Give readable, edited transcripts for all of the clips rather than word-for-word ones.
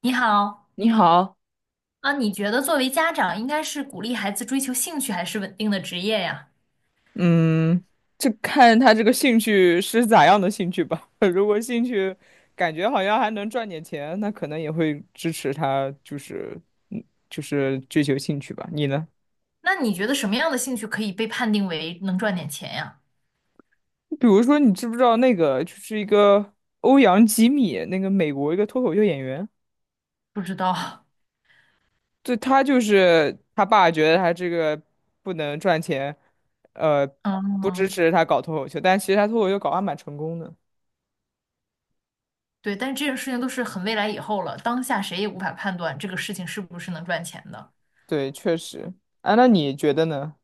你好，你好。你觉得作为家长应该是鼓励孩子追求兴趣还是稳定的职业呀？嗯，这看他这个兴趣是咋样的兴趣吧，感觉好像还能赚点钱，那可能也会支持他，嗯，就是追求兴趣吧。你呢？那你觉得什么样的兴趣可以被判定为能赚点钱呀？比如说，你知不知道那个就是一个欧阳吉米，那个美国一个脱口秀演员。不知道，对，他就是他爸觉得他这个不能赚钱，呃，不支嗯，持他搞脱口秀，但其实他脱口秀搞得还蛮成功的。对，但是这件事情都是很未来以后了，当下谁也无法判断这个事情是不是能赚钱的。对，确实。啊，那你觉得呢？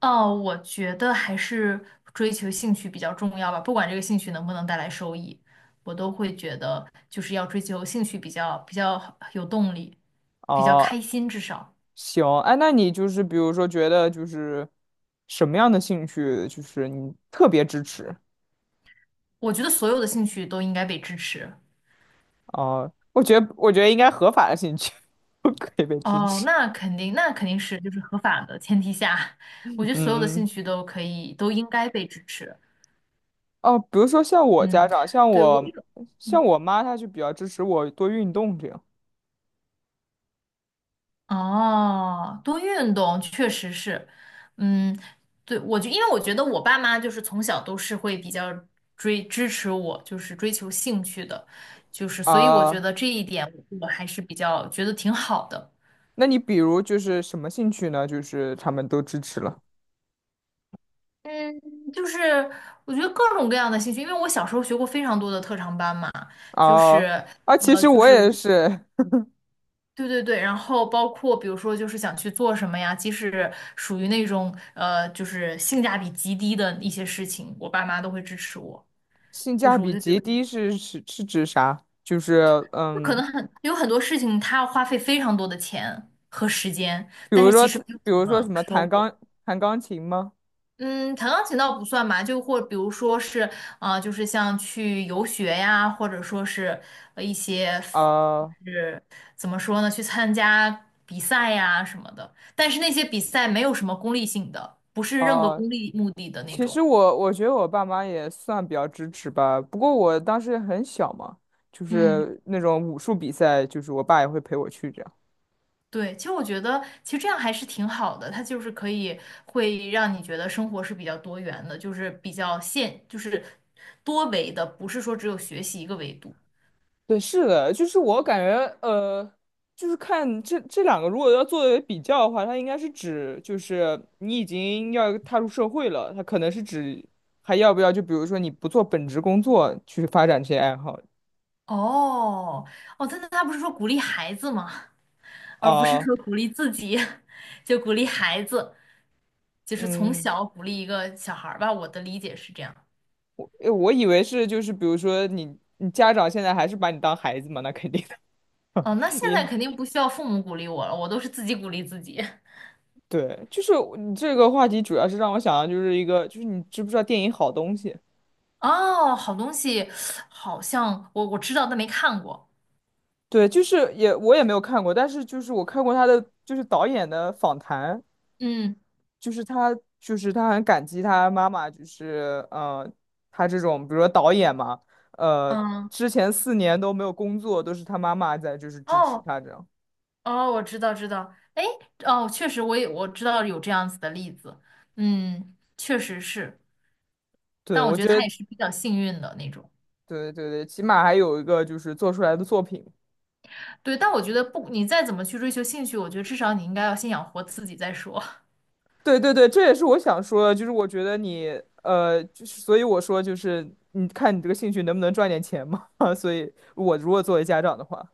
哦，我觉得还是追求兴趣比较重要吧，不管这个兴趣能不能带来收益，我都会觉得就是要追求兴趣比较有动力，比较哦，开心，至少。行。哎，那你就是比如说觉得就是什么样的兴趣，就是你特别支持。我觉得所有的兴趣都应该被支持。啊？我觉得应该合法的兴趣 都可以被支哦，持。那肯定，那肯定是就是合法的前提下，我嗯觉得所有的兴嗯。趣都可以，都应该被支持。哦，比如说像我家嗯，长，像对，我一我像嗯我妈，她就比较支持我多运动这样。哦，多运动确实是，嗯，对，我就因为我觉得我爸妈就是从小都是会比较追支持我，就是追求兴趣的，就是所以我觉啊。得这一点我还是比较觉得挺好的。那你比如就是什么兴趣呢？就是他们都支持了。就是我觉得各种各样的兴趣，因为我小时候学过非常多的特长班嘛，就啊是啊！其实就我是也是。对对对，然后包括比如说就是想去做什么呀，即使属于那种就是性价比极低的一些事情，我爸妈都会支持我，性就价是我比就觉极得低是指啥？就是就可嗯。能很有很多事情，他要花费非常多的钱和时间，比但如是说，其实没有什什么么收获。弹钢琴吗？嗯，弹钢琴倒不算吧，就或比如说是，啊，就是像去游学呀，或者说是一些，啊、就是怎么说呢，去参加比赛呀什么的。但是那些比赛没有什么功利性的，不是任何啊、功利目的的那其实种。我觉得我爸妈也算比较支持吧，不过我当时很小嘛，就嗯，是那种武术比赛，就是我爸也会陪我去这样。对，其实我觉得其实这样还是挺好的，它就是可以会让你觉得生活是比较多元的，就是比较现，就是多维的，不是说只有学习一个维度。对，是的，就是我感觉呃，就是看这两个如果要作为比较的话，它应该是指就是你已经要踏入社会了，它可能是指还要不要就比如说你不做本职工作去发展这些爱好。哦，哦，真的，他不是说鼓励孩子吗？而不是啊、说鼓励自己，就鼓励孩子，就是从嗯。小鼓励一个小孩儿吧。我的理解是这样。诶，我以为是就是比如说你家长现在还是把你当孩子嘛，那肯定的。哦，那 现在也肯定不需要父母鼓励我了，我都是自己鼓励自己。对，就是我你这个话题主要是让我想到就是一个，就是你知不知道电影好东西？哦，好东西，好像我知道，但没看过。对，就是也我也没有看过，但是就是我看过他的就是导演的访谈，嗯就是他很感激他妈妈，就是他这种比如说导演嘛，呃嗯，之前4年都没有工作，都是他妈妈在就是支持哦他这样。哦，我知道知道。哎，哦，确实我也我知道有这样子的例子。嗯，确实是，对，但我我觉得觉他得也是比较幸运的那种。对对对，起码还有一个就是做出来的作品。对，但我觉得不，你再怎么去追求兴趣，我觉得至少你应该要先养活自己再说。对对对，这也是我想说的，就是我觉得你就是所以我说就是你看你这个兴趣能不能赚点钱嘛？所以我如果作为家长的话，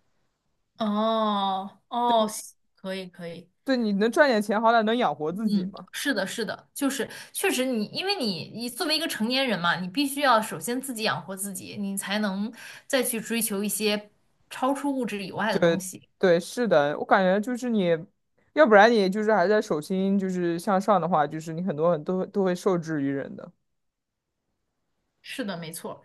哦哦，行可以可以，对你能赚点钱，好歹能养活自己嗯，嘛。是的，是的，就是确实你，因为你作为一个成年人嘛，你必须要首先自己养活自己，你才能再去追求一些超出物质以外的东对西。对，是的，我感觉就是你，要不然你就是还在手心就是向上的话，就是你很多很多都会受制于人的。是的，没错，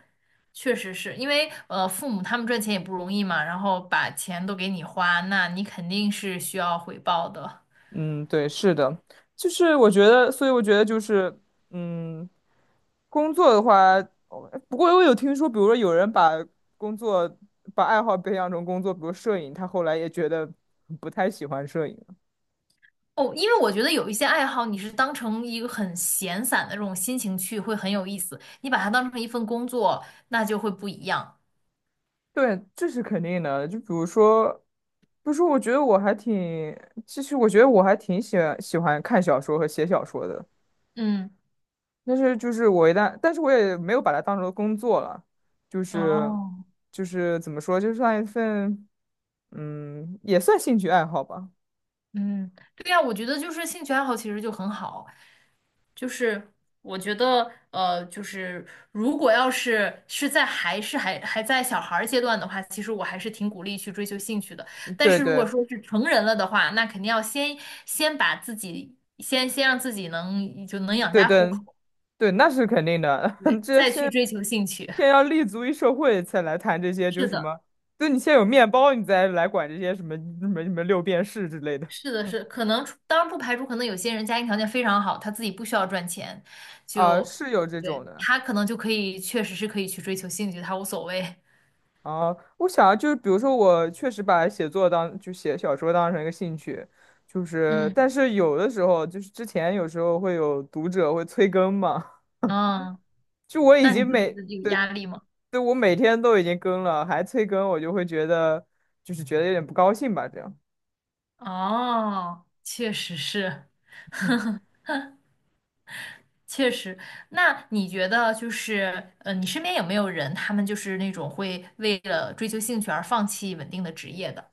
确实是因为父母他们赚钱也不容易嘛，然后把钱都给你花，那你肯定是需要回报的。嗯，对，是的，就是我觉得，所以我觉得就是。嗯，工作的话，哦不过我有听说，比如说有人把工作把爱好培养成工作，比如摄影，他后来也觉得不太喜欢摄影了。哦，因为我觉得有一些爱好，你是当成一个很闲散的这种心情去，会很有意思。你把它当成一份工作，那就会不一样。对，这是肯定的。就比如说，不是，我觉得我还挺，其实我觉得我还挺喜欢看小说和写小说的。嗯，但是就是我一旦，但是我也没有把它当成工作了，就是哦，就是怎么说，就算一份，也算兴趣爱好吧。嗯，对呀，我觉得就是兴趣爱好其实就很好，就是我觉得就是如果要是是在还是还还在小孩儿阶段的话，其实我还是挺鼓励去追求兴趣的。嗯，但对是如对果说是成人了的话，那肯定要先先把自己先先让自己能就能养对家糊对口。对，那是肯定的。对，这再去先追求兴趣。先 要立足于社会，才来谈这些，就是是什的，么。对，你先有面包，你再来管这些什么什么什么六便士之类的。 是的，是，可能当然不排除，可能有些人家庭条件非常好，他自己不需要赚钱，啊，就是有这种对的。他可能就可以，确实是可以去追求兴趣，他无所谓。啊，我想啊就是比如说，我确实把写作当就写小说当成一个兴趣，就 是嗯，但是有的时候就是之前有时候会有读者会催更嘛，嗯，就我已那你经会觉每得有压对。力吗？对，我每天都已经更了，还催更，我就会觉得有点不高兴吧，这样。哦，确实是，确实。那你觉得就是，你身边有没有人，他们就是那种会为了追求兴趣而放弃稳定的职业的？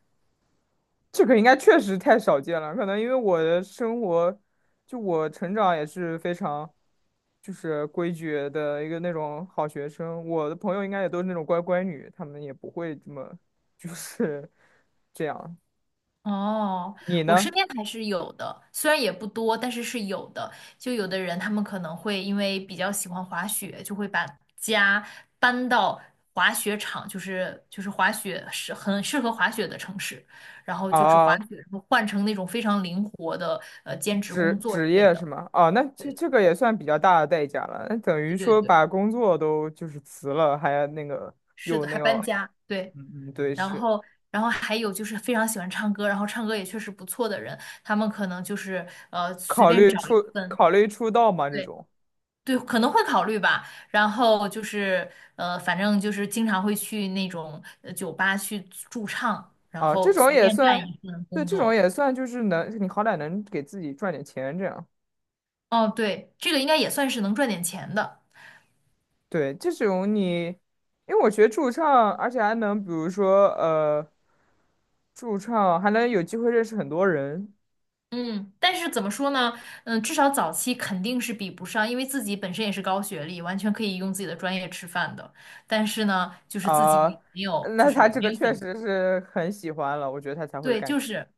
这个应该确实太少见了，可能因为我的生活，就我成长也是非常，就是规矩的一个那种好学生。我的朋友应该也都是那种乖乖女，他们也不会这么，就是这样。哦，你我身呢？边还是有的，虽然也不多，但是是有的。就有的人他们可能会因为比较喜欢滑雪，就会把家搬到滑雪场，就是就是滑雪是很适合滑雪的城市，然后就只滑啊，雪，然后换成那种非常灵活的兼职工作之职类业是的。吗？啊，那这对这个也算比较大的代价了，那等于对对说对，把工作都就是辞了，还要那个是又的，那还搬个。家。对，嗯嗯，对，然是后然后还有就是非常喜欢唱歌，然后唱歌也确实不错的人，他们可能就是随便找一份。考虑出道嘛这对。种。对，可能会考虑吧。然后就是，反正就是经常会去那种酒吧去驻唱，然啊，这后种随也便干算，一份对，工这种作。也算，就是能，你好歹能给自己赚点钱，这样。哦，对，这个应该也算是能赚点钱的。对，这种你，因为我学驻唱，而且还能，比如说，驻唱还能有机会认识很多人。嗯，但是怎么说呢？嗯，至少早期肯定是比不上，因为自己本身也是高学历，完全可以用自己的专业吃饭的。但是呢，就是自啊，己没有，就那是他这没个有确选择。实是很喜欢了，我觉得他才会对，干。就是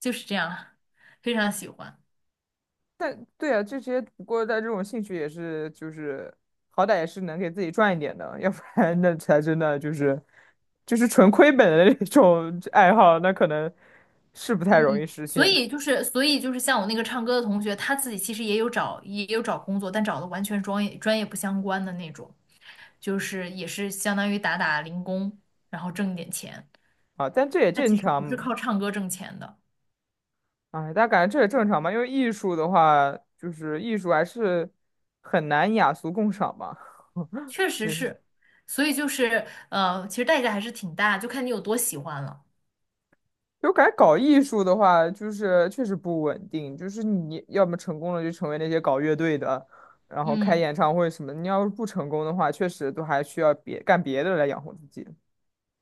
就是这样，非常喜欢。但对啊，这些不过在这种兴趣也是就是好歹也是能给自己赚一点的，要不然那才真的就是纯亏本的那种爱好，那可能是不太容易嗯，实所现。以就是，所以就是像我那个唱歌的同学，他自己其实也有找，也有找工作，但找的完全专业不相关的那种，就是也是相当于打打零工，然后挣一点钱。啊。但这也他正其实不是常，靠唱歌挣钱的，哎，家感觉这也正常吧，因为艺术的话，就是艺术还是很难雅俗共赏吧。确 实是。是，所以就是其实代价还是挺大，就看你有多喜欢了。就感觉搞艺术的话，就是确实不稳定，就是你要么成功了就成为那些搞乐队的，然后开嗯，演唱会什么的你要是不成功的话，确实都还需要别干别的来养活自己。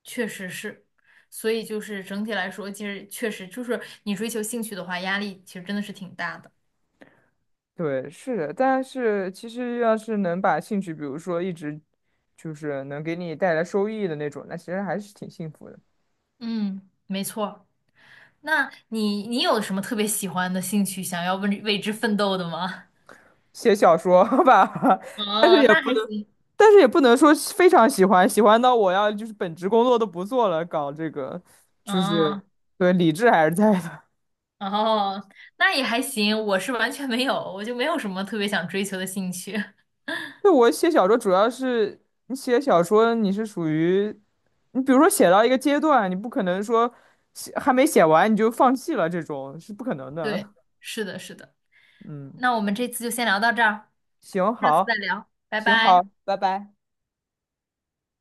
确实是，所以就是整体来说，其实确实就是你追求兴趣的话，压力其实真的是挺大的。对，是的，但是其实要是能把兴趣，比如说一直就是能给你带来收益的那种，那其实还是挺幸福的。嗯，没错。那你你有什么特别喜欢的兴趣，想要为之奋斗的吗？写小说吧。但是哦，也那不还能，行。但是也不能说是非常喜欢，喜欢到我要就是本职工作都不做了，搞这个，就哦是对理智还是在的。哦，那也还行。我是完全没有，我就没有什么特别想追求的兴趣。对我写小说主要是你写小说，你是属于你比如说写到一个阶段，你不可能说还没写完你就放弃了，这种是不可能 对，的。是的，是的。嗯，那我们这次就先聊到这儿，行，下次再好，聊，拜行，好，拜。拜拜。